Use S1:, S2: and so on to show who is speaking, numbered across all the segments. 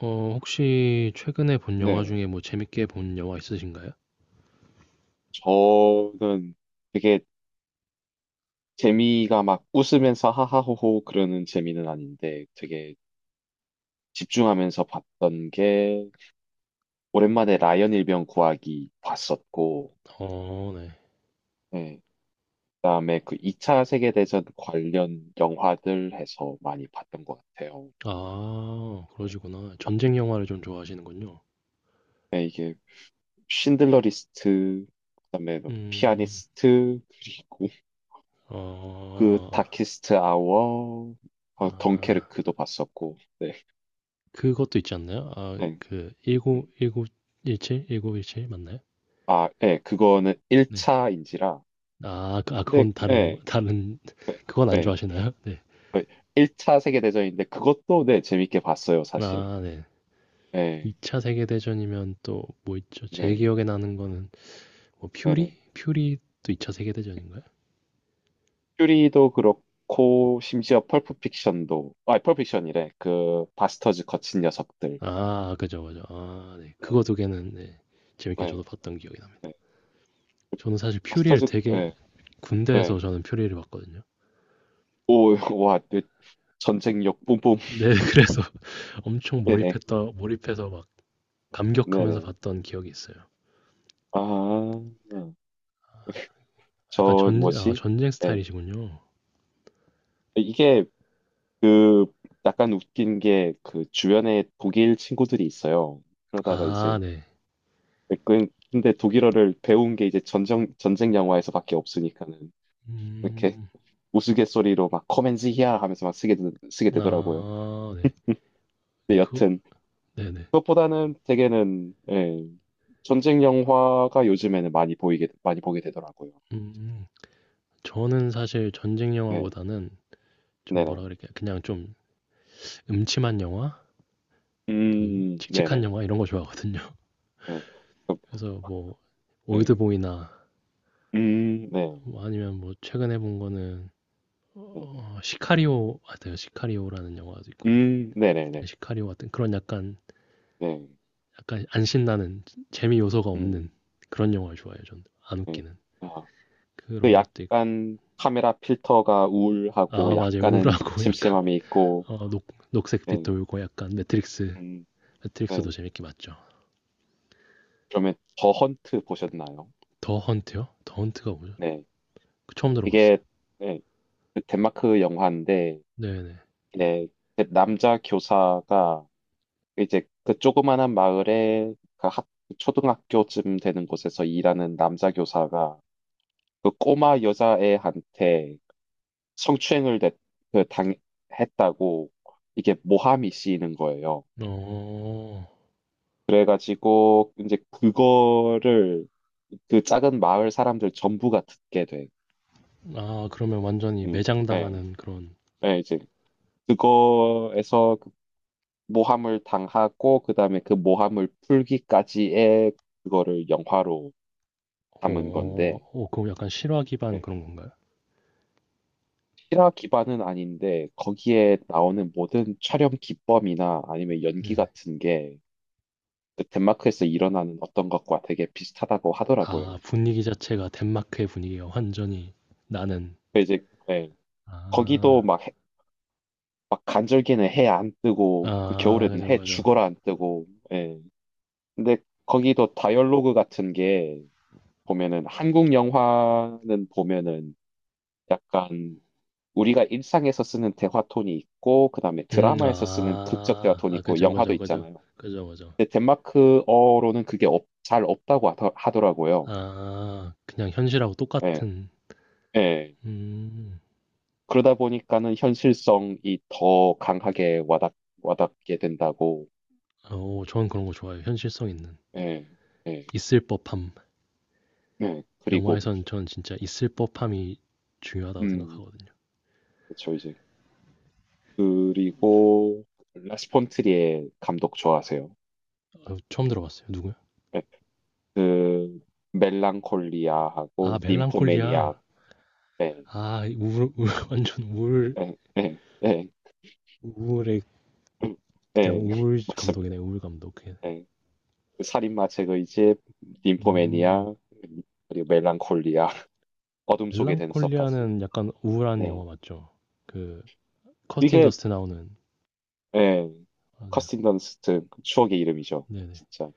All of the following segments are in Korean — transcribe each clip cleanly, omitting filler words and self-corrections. S1: 네.
S2: 혹시 최근에 본 영화
S1: 네.
S2: 중에 뭐 재밌게 본 영화 있으신가요?
S1: 저는 되게 재미가 막 웃으면서 하하호호 그러는 재미는 아닌데 되게 집중하면서 봤던 게 오랜만에 라이언 일병 구하기 봤었고,
S2: 어, 네.
S1: 네. 그다음에 그 2차 세계대전 관련 영화들 해서 많이 봤던 것 같아요.
S2: 아,
S1: 네.
S2: 그러시구나.
S1: 막
S2: 전쟁 영화를 좀 좋아하시는군요.
S1: 네, 이게 신들러 리스트, 그다음에 뭐
S2: 음. 음.
S1: 피아니스트, 그리고 그
S2: 어.
S1: 다키스트 아워, 어,
S2: 아.
S1: 덩케르크도 봤었고, 네.
S2: 그것도 있지 않나요?
S1: 네.
S2: 그 19
S1: 음.
S2: 1구일7 일구 일칠 맞나요?
S1: 아, 예, 그거는
S2: 네.
S1: 1차인지라.
S2: 아,
S1: 근데,
S2: 그건 다른 건가,
S1: 예,
S2: 다른
S1: 예,
S2: 그건 안
S1: 예,
S2: 좋아하시나요? 네.
S1: 그 1차 세계대전인데 그것도, 네, 재밌게 봤어요, 사실.
S2: 아, 네. 2
S1: 예,
S2: 차 세계 대전이면 또 뭐 있죠? 제
S1: 네,
S2: 기억에 나는 거는 뭐 퓨리?
S1: 네네.
S2: 퓨리도 2 차 세계 대전인가요?
S1: 퓨리도 그렇고, 심지어 펄프픽션도, 아, 펄프픽션이래. 그, 바스터즈 거친 녀석들.
S2: 아, 그죠, 그죠. 아, 네.
S1: 네,
S2: 그거 두 개는, 네, 재밌게
S1: 네,
S2: 저도 봤던 기억이 납니다.
S1: 네.
S2: 저는 사실 퓨리를
S1: 바스터즈,
S2: 되게
S1: 네
S2: 군대에서
S1: 네
S2: 저는 퓨리를 봤거든요.
S1: 오, 와, 네, 전쟁력 뿜뿜.
S2: 네. 그래서 엄청
S1: 네네,
S2: 몰입했다 몰입해서 막 감격하면서
S1: 네네.
S2: 봤던 기억이 있어요.
S1: 아,
S2: 약간
S1: 전
S2: 전,
S1: 뭐지?
S2: 전쟁
S1: 네.
S2: 스타일이시군요.
S1: 이게, 그 약간 웃긴 게 그 주변에 독일 친구들이 있어요. 그러다가 이제
S2: 아, 네.
S1: 근데 독일어를 배운 게 이제 전쟁 영화에서밖에 없으니까는 이렇게
S2: 음.
S1: 우스갯소리로 막 커맨지 히야 하면서 막 쓰게 되더라고요.
S2: 아, 네.
S1: 근데
S2: 그,
S1: 여튼
S2: 네네.
S1: 그것보다는 되게는 예, 전쟁 영화가 요즘에는 많이 보이게 많이 보게 되더라고요.
S2: 음. 저는 사실 전쟁
S1: 네,
S2: 영화보다는 좀 뭐라
S1: 네네,
S2: 그럴까요? 그냥 좀 음침한 영화? 좀 칙칙한
S1: 네네,
S2: 영화 이런 거 좋아하거든요.
S1: 네, 그-
S2: 그래서 뭐
S1: 네,
S2: 올드보이나,
S1: 네,
S2: 뭐 아니면 뭐 최근에 본 거는
S1: 네,
S2: 시카리오 같아요. 시카리오라는 영화도 있거든요. 그
S1: 네네네,
S2: 시카리오 같은 그런 약간,
S1: 네,
S2: 약간 안 신나는, 재미 요소가
S1: 음.
S2: 없는 그런 영화를 좋아해요. 저는 안
S1: 음.
S2: 웃기는
S1: 아, 그
S2: 그런 것도 있고.
S1: 약간 카메라 필터가 우울하고
S2: 아, 맞아요.
S1: 약간은
S2: 우울하고 약간
S1: 심심함이 있고,
S2: 어, 녹 녹색빛
S1: 네,
S2: 돌고 약간 매트릭스.
S1: 음,
S2: 매트릭스도
S1: 네.
S2: 재밌게 봤죠.
S1: 그러면 더 헌트 보셨나요?
S2: 더 헌트요? 더 헌트가 뭐죠?
S1: 네,
S2: 그, 처음 들어봤어요.
S1: 이게 네, 그 덴마크 영화인데,
S2: 네네.
S1: 네, 그 남자 교사가 이제 그 조그만한 마을에 초등학교쯤 되는 곳에서 일하는 남자 교사가 그 꼬마 여자애한테 성추행을 냈- 그 당, 했다고 이게 모함이 씌이는 거예요.
S2: 어.
S1: 그래가지고 이제 그거를 그 작은 마을 사람들 전부가 듣게 돼.
S2: 아, 그러면 완전히
S1: 음, 네,
S2: 매장당하는 그런.
S1: 네, 이제 그거에서 그 모함을 당하고 그다음에 그 모함을 풀기까지의 그거를 영화로 담은
S2: 어.
S1: 건데
S2: 어, 그럼 약간 실화 기반
S1: 네.
S2: 그런 건가요?
S1: 실화 기반은 아닌데 거기에 나오는 모든 촬영 기법이나 아니면 연기
S2: 네.
S1: 같은 게그 덴마크에서 일어나는 어떤 것과 되게 비슷하다고
S2: 아,
S1: 하더라고요.
S2: 분위기 자체가 덴마크의 분위기가 완전히 나는.
S1: 근데 이제 네, 거기도
S2: 아.
S1: 막 막 간절기는 해 안 뜨고 그
S2: 아,
S1: 겨울에는
S2: 그죠,
S1: 해
S2: 그죠.
S1: 죽어라 안 뜨고 예. 근데 거기도 다이얼로그 같은 게 보면은 한국 영화는 보면은 약간 우리가 일상에서 쓰는 대화 톤이 있고 그다음에 드라마에서 쓰는 극적 대화
S2: 아.
S1: 톤이
S2: 아,
S1: 있고
S2: 그죠,
S1: 영화도
S2: 그죠, 그죠.
S1: 있잖아요.
S2: 그죠, 그죠.
S1: 근데 덴마크어로는 그게 잘 없다고 하더라고요.
S2: 아, 그냥 현실하고
S1: 예.
S2: 똑같은.
S1: 예.
S2: 음.
S1: 그러다 보니까는 현실성이 더 강하게 와닿게 된다고.
S2: 어, 저는 그런 거 좋아해요. 현실성 있는.
S1: 예. 예.
S2: 있을 법함.
S1: 네, 그리고
S2: 영화에선 전 진짜 있을 법함이 중요하다고
S1: 음,
S2: 생각하거든요.
S1: 그렇죠 이제 그리고 라스 폰트리에 감독 좋아하세요?
S2: 처음 들어봤어요. 누구요?
S1: 네, 그 멜랑콜리아하고
S2: 아,
S1: ним포매니아
S2: 멜랑콜리아.
S1: 네,
S2: 아, 우울, 우울 완전 우울,
S1: 네, 네, 네,
S2: 우울의.
S1: 음,
S2: 그냥
S1: 네,
S2: 우울
S1: 맞습니다.
S2: 감독이네. 우울 감독. 그냥.
S1: 네. 그 살인마 제거의 집,
S2: 음.
S1: ним포매니아 그리고 멜랑콜리아 어둠 속의 댄서까지.
S2: 멜랑콜리아는 약간 우울한
S1: 네,
S2: 영화 맞죠? 그, 커스틴
S1: 이게
S2: 더스트 나오는.
S1: 네,
S2: 맞아요.
S1: 커스틴 던스트 추억의 이름이죠,
S2: 네네.
S1: 진짜.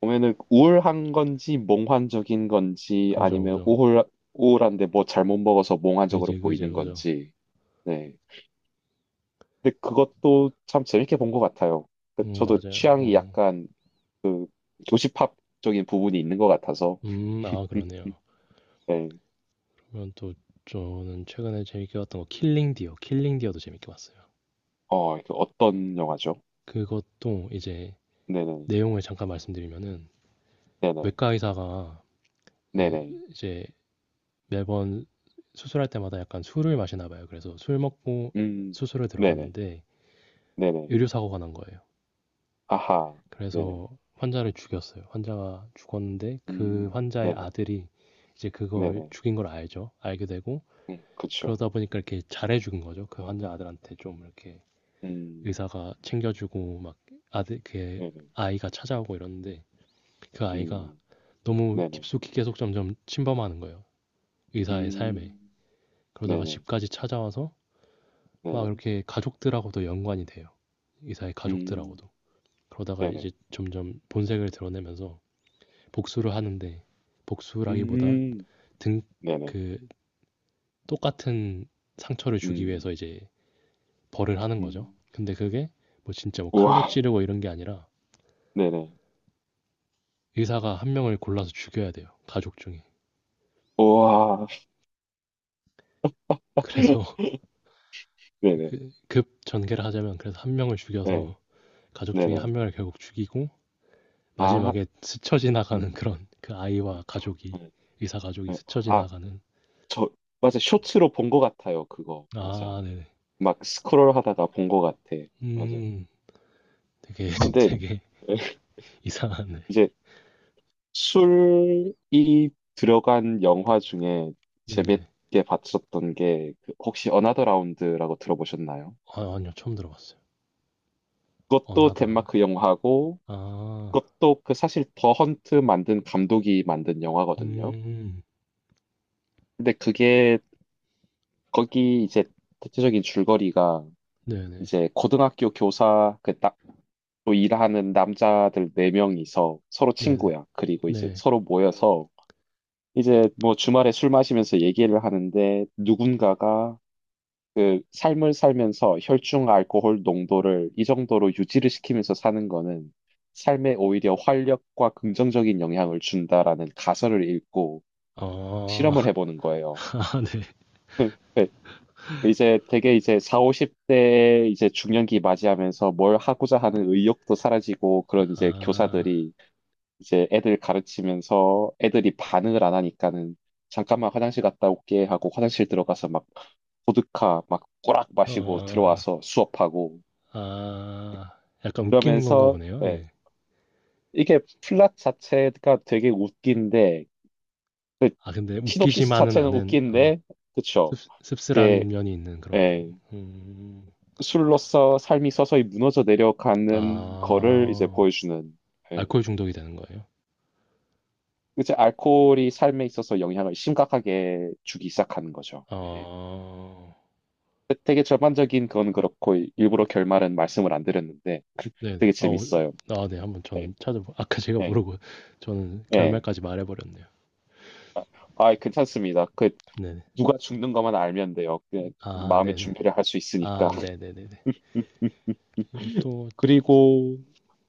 S1: 보면은 우울한 건지 몽환적인 건지
S2: 그죠,
S1: 아니면
S2: 그죠.
S1: 우울 우울한데 뭐 잘못 먹어서 몽환적으로
S2: 그죠, 그죠,
S1: 보이는
S2: 그죠.
S1: 건지 네 근데 그것도 참 재밌게 본 것 같아요 그-
S2: 음,
S1: 저도
S2: 맞아요.
S1: 취향이
S2: 음.
S1: 약간 교시팝적인 부분이 있는 것 같아서
S2: 아, 그러네요.
S1: 네.
S2: 그러면 또, 저는 최근에 재밌게 봤던 거 킬링 디어. 킬링 디어도 재밌게 봤어요.
S1: 어, 그 어떤 영화죠?
S2: 그것도 이제
S1: 네네,
S2: 내용을 잠깐 말씀드리면은
S1: 네네,
S2: 외과 의사가 이제,
S1: 네네,
S2: 이제 매번 수술할 때마다 약간 술을 마시나 봐요. 그래서 술 먹고
S1: 음,
S2: 수술에
S1: 네네,
S2: 들어갔는데
S1: 네네,
S2: 의료 사고가 난 거예요.
S1: 아하, 네네,
S2: 그래서 환자를 죽였어요. 환자가 죽었는데 그 환자의
S1: 네네,
S2: 아들이 이제 그걸
S1: 네네,
S2: 죽인 걸 알죠. 알게 되고,
S1: 그쵸,
S2: 그러다 보니까 이렇게 잘해 죽은 거죠. 그 환자 아들한테 좀 이렇게
S1: 음,
S2: 의사가 챙겨주고, 막 아들, 그
S1: 네네,
S2: 아이가 찾아오고 이러는데 그 아이가
S1: 음,
S2: 너무
S1: 네네,
S2: 깊숙이 계속 점점 침범하는 거예요. 의사의 삶에.
S1: 음.
S2: 그러다가
S1: 네네,
S2: 집까지 찾아와서 막
S1: 네네,
S2: 이렇게 가족들하고도 연관이 돼요. 의사의
S1: 음,
S2: 가족들하고도. 그러다가
S1: 네네,
S2: 이제 점점 본색을 드러내면서 복수를 하는데, 복수라기보다
S1: 음,
S2: 등,
S1: 네네,
S2: 그 똑같은 상처를 주기
S1: 음,
S2: 위해서 이제 벌을 하는 거죠.
S1: 음,
S2: 근데 그게 뭐 진짜 뭐
S1: 우와,
S2: 칼로 찌르고 이런 게 아니라
S1: 네네,
S2: 의사가 한 명을 골라서 죽여야 돼요. 가족 중에.
S1: 우와,
S2: 그래서
S1: 네네,
S2: 급 전개를 하자면 그래서 한 명을
S1: 네,
S2: 죽여서 가족 중에
S1: 네네,
S2: 한 명을 결국 죽이고
S1: 아,
S2: 마지막에 스쳐 지나가는
S1: 음,
S2: 그런, 그 아이와 가족이,
S1: 네,
S2: 의사 가족이
S1: 네.
S2: 스쳐
S1: 아,
S2: 지나가는.
S1: 저, 맞아, 쇼츠로 본 것 같아요, 그거, 맞아.
S2: 네네.
S1: 막 스크롤 하다가 본 것 같아, 맞아.
S2: 음. 되게
S1: 근데
S2: 되게 이상하네.
S1: 이제 술이 들어간 영화 중에
S2: 네네.
S1: 재밌게 봤었던 게그 혹시 어나더 라운드라고 들어보셨나요?
S2: 아, 아니요, 처음 들어봤어요.
S1: 그것도
S2: 어나더라운,
S1: 덴마크 영화고,
S2: 아음
S1: 그것도 그 사실 더 헌트 만든 감독이 만든 영화거든요. 근데 그게 거기 이제 대체적인 줄거리가
S2: 네네.
S1: 이제 고등학교 교사 그 딱 또 일하는 남자들 네 명이서 서로
S2: 네네.
S1: 친구야. 그리고 이제
S2: 네.
S1: 서로 모여서 이제 뭐 주말에 술 마시면서 얘기를 하는데 누군가가 그 삶을 살면서 혈중 알코올 농도를 이 정도로 유지를 시키면서 사는 거는 삶에 오히려 활력과 긍정적인 영향을 준다라는 가설을 읽고
S2: 어.
S1: 실험을 해보는 거예요.
S2: 아, 네.
S1: 네, 이제 되게 이제 4, 50대 이제 중년기 맞이하면서 뭘 하고자 하는 의욕도 사라지고 그런 이제
S2: 아,
S1: 교사들이 이제 애들 가르치면서 애들이 반응을 안 하니까는 잠깐만 화장실 갔다 올게 하고 화장실 들어가서 막 보드카 막 꼬락 마시고
S2: 어,
S1: 들어와서 수업하고
S2: 아, 약간 웃기는 건가
S1: 그러면서
S2: 보네요.
S1: 네,
S2: 네.
S1: 이게 플랫 자체가 되게 웃긴데 그
S2: 아, 근데
S1: 시놉시스
S2: 웃기지만은
S1: 자체는
S2: 않은,
S1: 웃긴데
S2: 씁,
S1: 그쵸 이제
S2: 씁쓸한 면이 있는 그런 건.
S1: 예,
S2: 음,
S1: 술로서 삶이 서서히 무너져 내려가는 거를 이제
S2: 아,
S1: 보여주는 예.
S2: 알코올 중독이 되는 거예요?
S1: 이제 알코올이 삶에 있어서 영향을 심각하게 주기 시작하는 거죠. 예.
S2: 아,
S1: 되게 전반적인 건 그렇고 일부러 결말은 말씀을 안 드렸는데
S2: 네네.
S1: 되게
S2: 아, 어,
S1: 재밌어요.
S2: 아, 네. 한번
S1: 예,
S2: 저는 찾아보, 아까 제가
S1: 예,
S2: 모르고 저는
S1: 예.
S2: 결말까지 말해버렸네요.
S1: 아, 아이, 괜찮습니다. 그
S2: 네네.
S1: 누가 죽는 것만 알면 돼요. 그
S2: 아,
S1: 마음의
S2: 네네.
S1: 준비를 할 수
S2: 아,
S1: 있으니까.
S2: 네네네네. 그리고 또,
S1: 그리고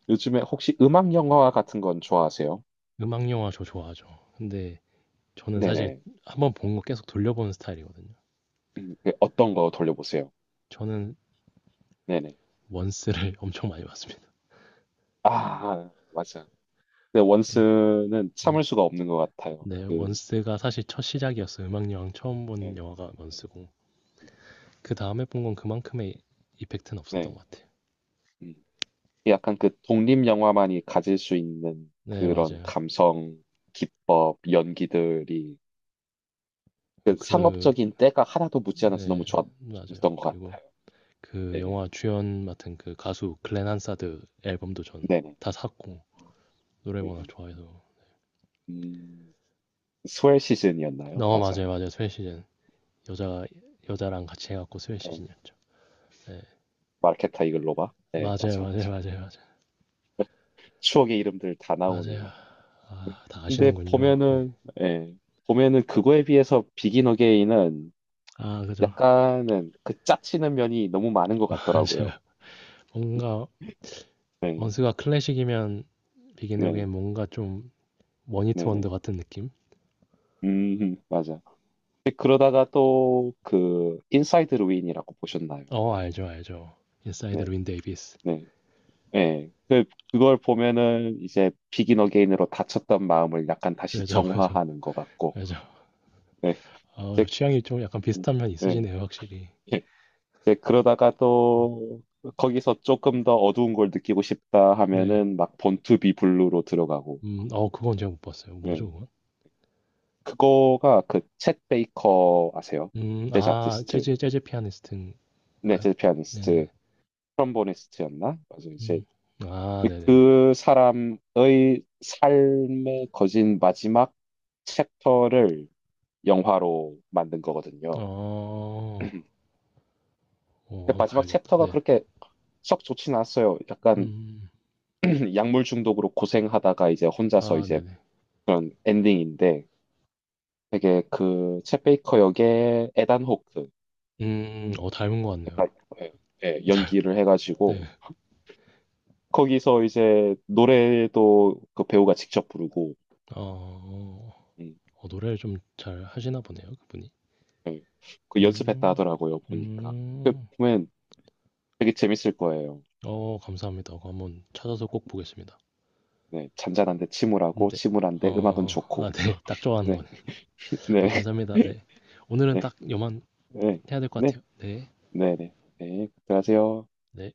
S1: 요즘에 혹시 음악 영화 같은 건 좋아하세요?
S2: 음악 영화 저 좋아하죠. 근데 저는 사실
S1: 네네.
S2: 한번 본 거 계속 돌려보는 스타일이거든요.
S1: 그 어떤 거 돌려보세요?
S2: 저는
S1: 네네.
S2: 원스를 엄청 많이 봤습니다.
S1: 아, 맞아. 근데
S2: 원-
S1: 원스는
S2: 네.
S1: 참을 수가 없는 것 같아요.
S2: 네,
S1: 그,
S2: 원스가 사실 첫 시작이었어요. 음악 영화 처음
S1: 네.
S2: 본 영화가
S1: 네.
S2: 원스고. 그 다음에 본 건 그만큼의 이펙트는 없었던
S1: 네.
S2: 것 같아요.
S1: 음. 약간 그 독립 영화만이 가질 수 있는
S2: 네,
S1: 그런
S2: 맞아요.
S1: 감성, 기법, 연기들이 그
S2: 그,
S1: 상업적인 때가 하나도 묻지 않아서 너무
S2: 네, 맞아요.
S1: 좋았던 것
S2: 그리고
S1: 같아요.
S2: 그
S1: 네네.
S2: 영화 주연 맡은 그 가수 글렌 한사드 앨범도 전
S1: 네네.
S2: 다 샀고 노래
S1: 네.
S2: 워낙 좋아해서.
S1: 음, 스웰 시즌이었나요?
S2: 어,
S1: 맞아.
S2: 맞아요, 맞아요. 스웨 시즌, 여자 여자랑 같이 해갖고 스웨
S1: 네.
S2: 시즌이었죠. 네,
S1: 마르케타 이글로바? 네,
S2: 맞아요,
S1: 맞아,
S2: 맞아요,
S1: 맞아.
S2: 맞아요, 맞아요,
S1: 추억의 이름들 다
S2: 맞아요.
S1: 나오네요.
S2: 아, 다
S1: 근데
S2: 아시는군요. 네.
S1: 보면은, 예, 보면은 그거에 비해서 비긴 어게인은
S2: 아, 그죠.
S1: 약간은 그 짜치는 면이 너무 많은 것
S2: 맞아요.
S1: 같더라고요.
S2: 뭔가
S1: 네,
S2: 원스가 클래식이면 비긴
S1: 네,
S2: 에어게인 뭔가 좀 원히트 원더
S1: 네네.
S2: 같은 느낌?
S1: 맞아. 근데 그러다가 또 그 인사이드 루인이라고 보셨나요?
S2: 어, 알죠, 알죠. 인사이드
S1: 네,
S2: 루인 데이비스.
S1: 네, 네. 그 그걸 보면은 이제 비긴 어게인으로 다쳤던 마음을 약간 다시
S2: 그죠, 그죠,
S1: 정화하는 것 같고,
S2: 그죠.
S1: 네,
S2: 아,
S1: 이제,
S2: 취향이 좀 약간 비슷한 면이
S1: 네,
S2: 있으시네요, 확실히.
S1: 예. 이제 그러다가 또 거기서 조금 더 어두운 걸 느끼고 싶다
S2: 네.
S1: 하면은 막 본투비 블루로 들어가고,
S2: 그건 제가 못 봤어요. 뭐죠
S1: 네,
S2: 그건?
S1: 그거가 그 챗 베이커 아세요? 재즈 아티스트,
S2: 재즈 피아니스트인가요?
S1: 네, 재즈 피아니스트.
S2: 네네네.
S1: 트럼보니스트였나? 맞아 이제
S2: 음. 아, 네네네.
S1: 그 사람의 삶에 거진 마지막 챕터를 영화로 만든 거거든요.
S2: 어. 어,
S1: 근데
S2: 한번
S1: 마지막
S2: 봐야겠다.
S1: 챕터가
S2: 네.
S1: 그렇게 썩 좋진 않았어요.
S2: 음
S1: 약간
S2: 음
S1: 약물 중독으로 고생하다가 이제 혼자서
S2: 아
S1: 이제
S2: 네네.
S1: 그런 엔딩인데 되게 그챗 베이커 역의 에단 호크
S2: 음, 어, 닮은 것
S1: 약간,
S2: 같네요.
S1: 예, 예, 연기를
S2: 네.
S1: 해가지고 거기서 이제 노래도 그 배우가 직접 부르고
S2: 어. 어,
S1: 음,
S2: 어, 노래를 좀 잘 하시나 보네요 그분이.
S1: 예, 그 연습했다
S2: 음.
S1: 하더라고요 보니까 그
S2: 음.
S1: 보면 되게 재밌을 거예요.
S2: 어, 감사합니다. 그거 한번 찾아서 꼭 보겠습니다.
S1: 네, 잔잔한데 침울하고
S2: 네.
S1: 침울한데 음악은
S2: 어, 아, 네.
S1: 좋고.
S2: 딱 좋아하는
S1: 네,
S2: 거네요. 아, 감사합니다. 네. 오늘은
S1: 네,
S2: 딱 요만
S1: 네,
S2: 해야 될 것
S1: 네,
S2: 같아요. 네.
S1: 네, 네, 네, 네. 네, 들어가세요.
S2: 네.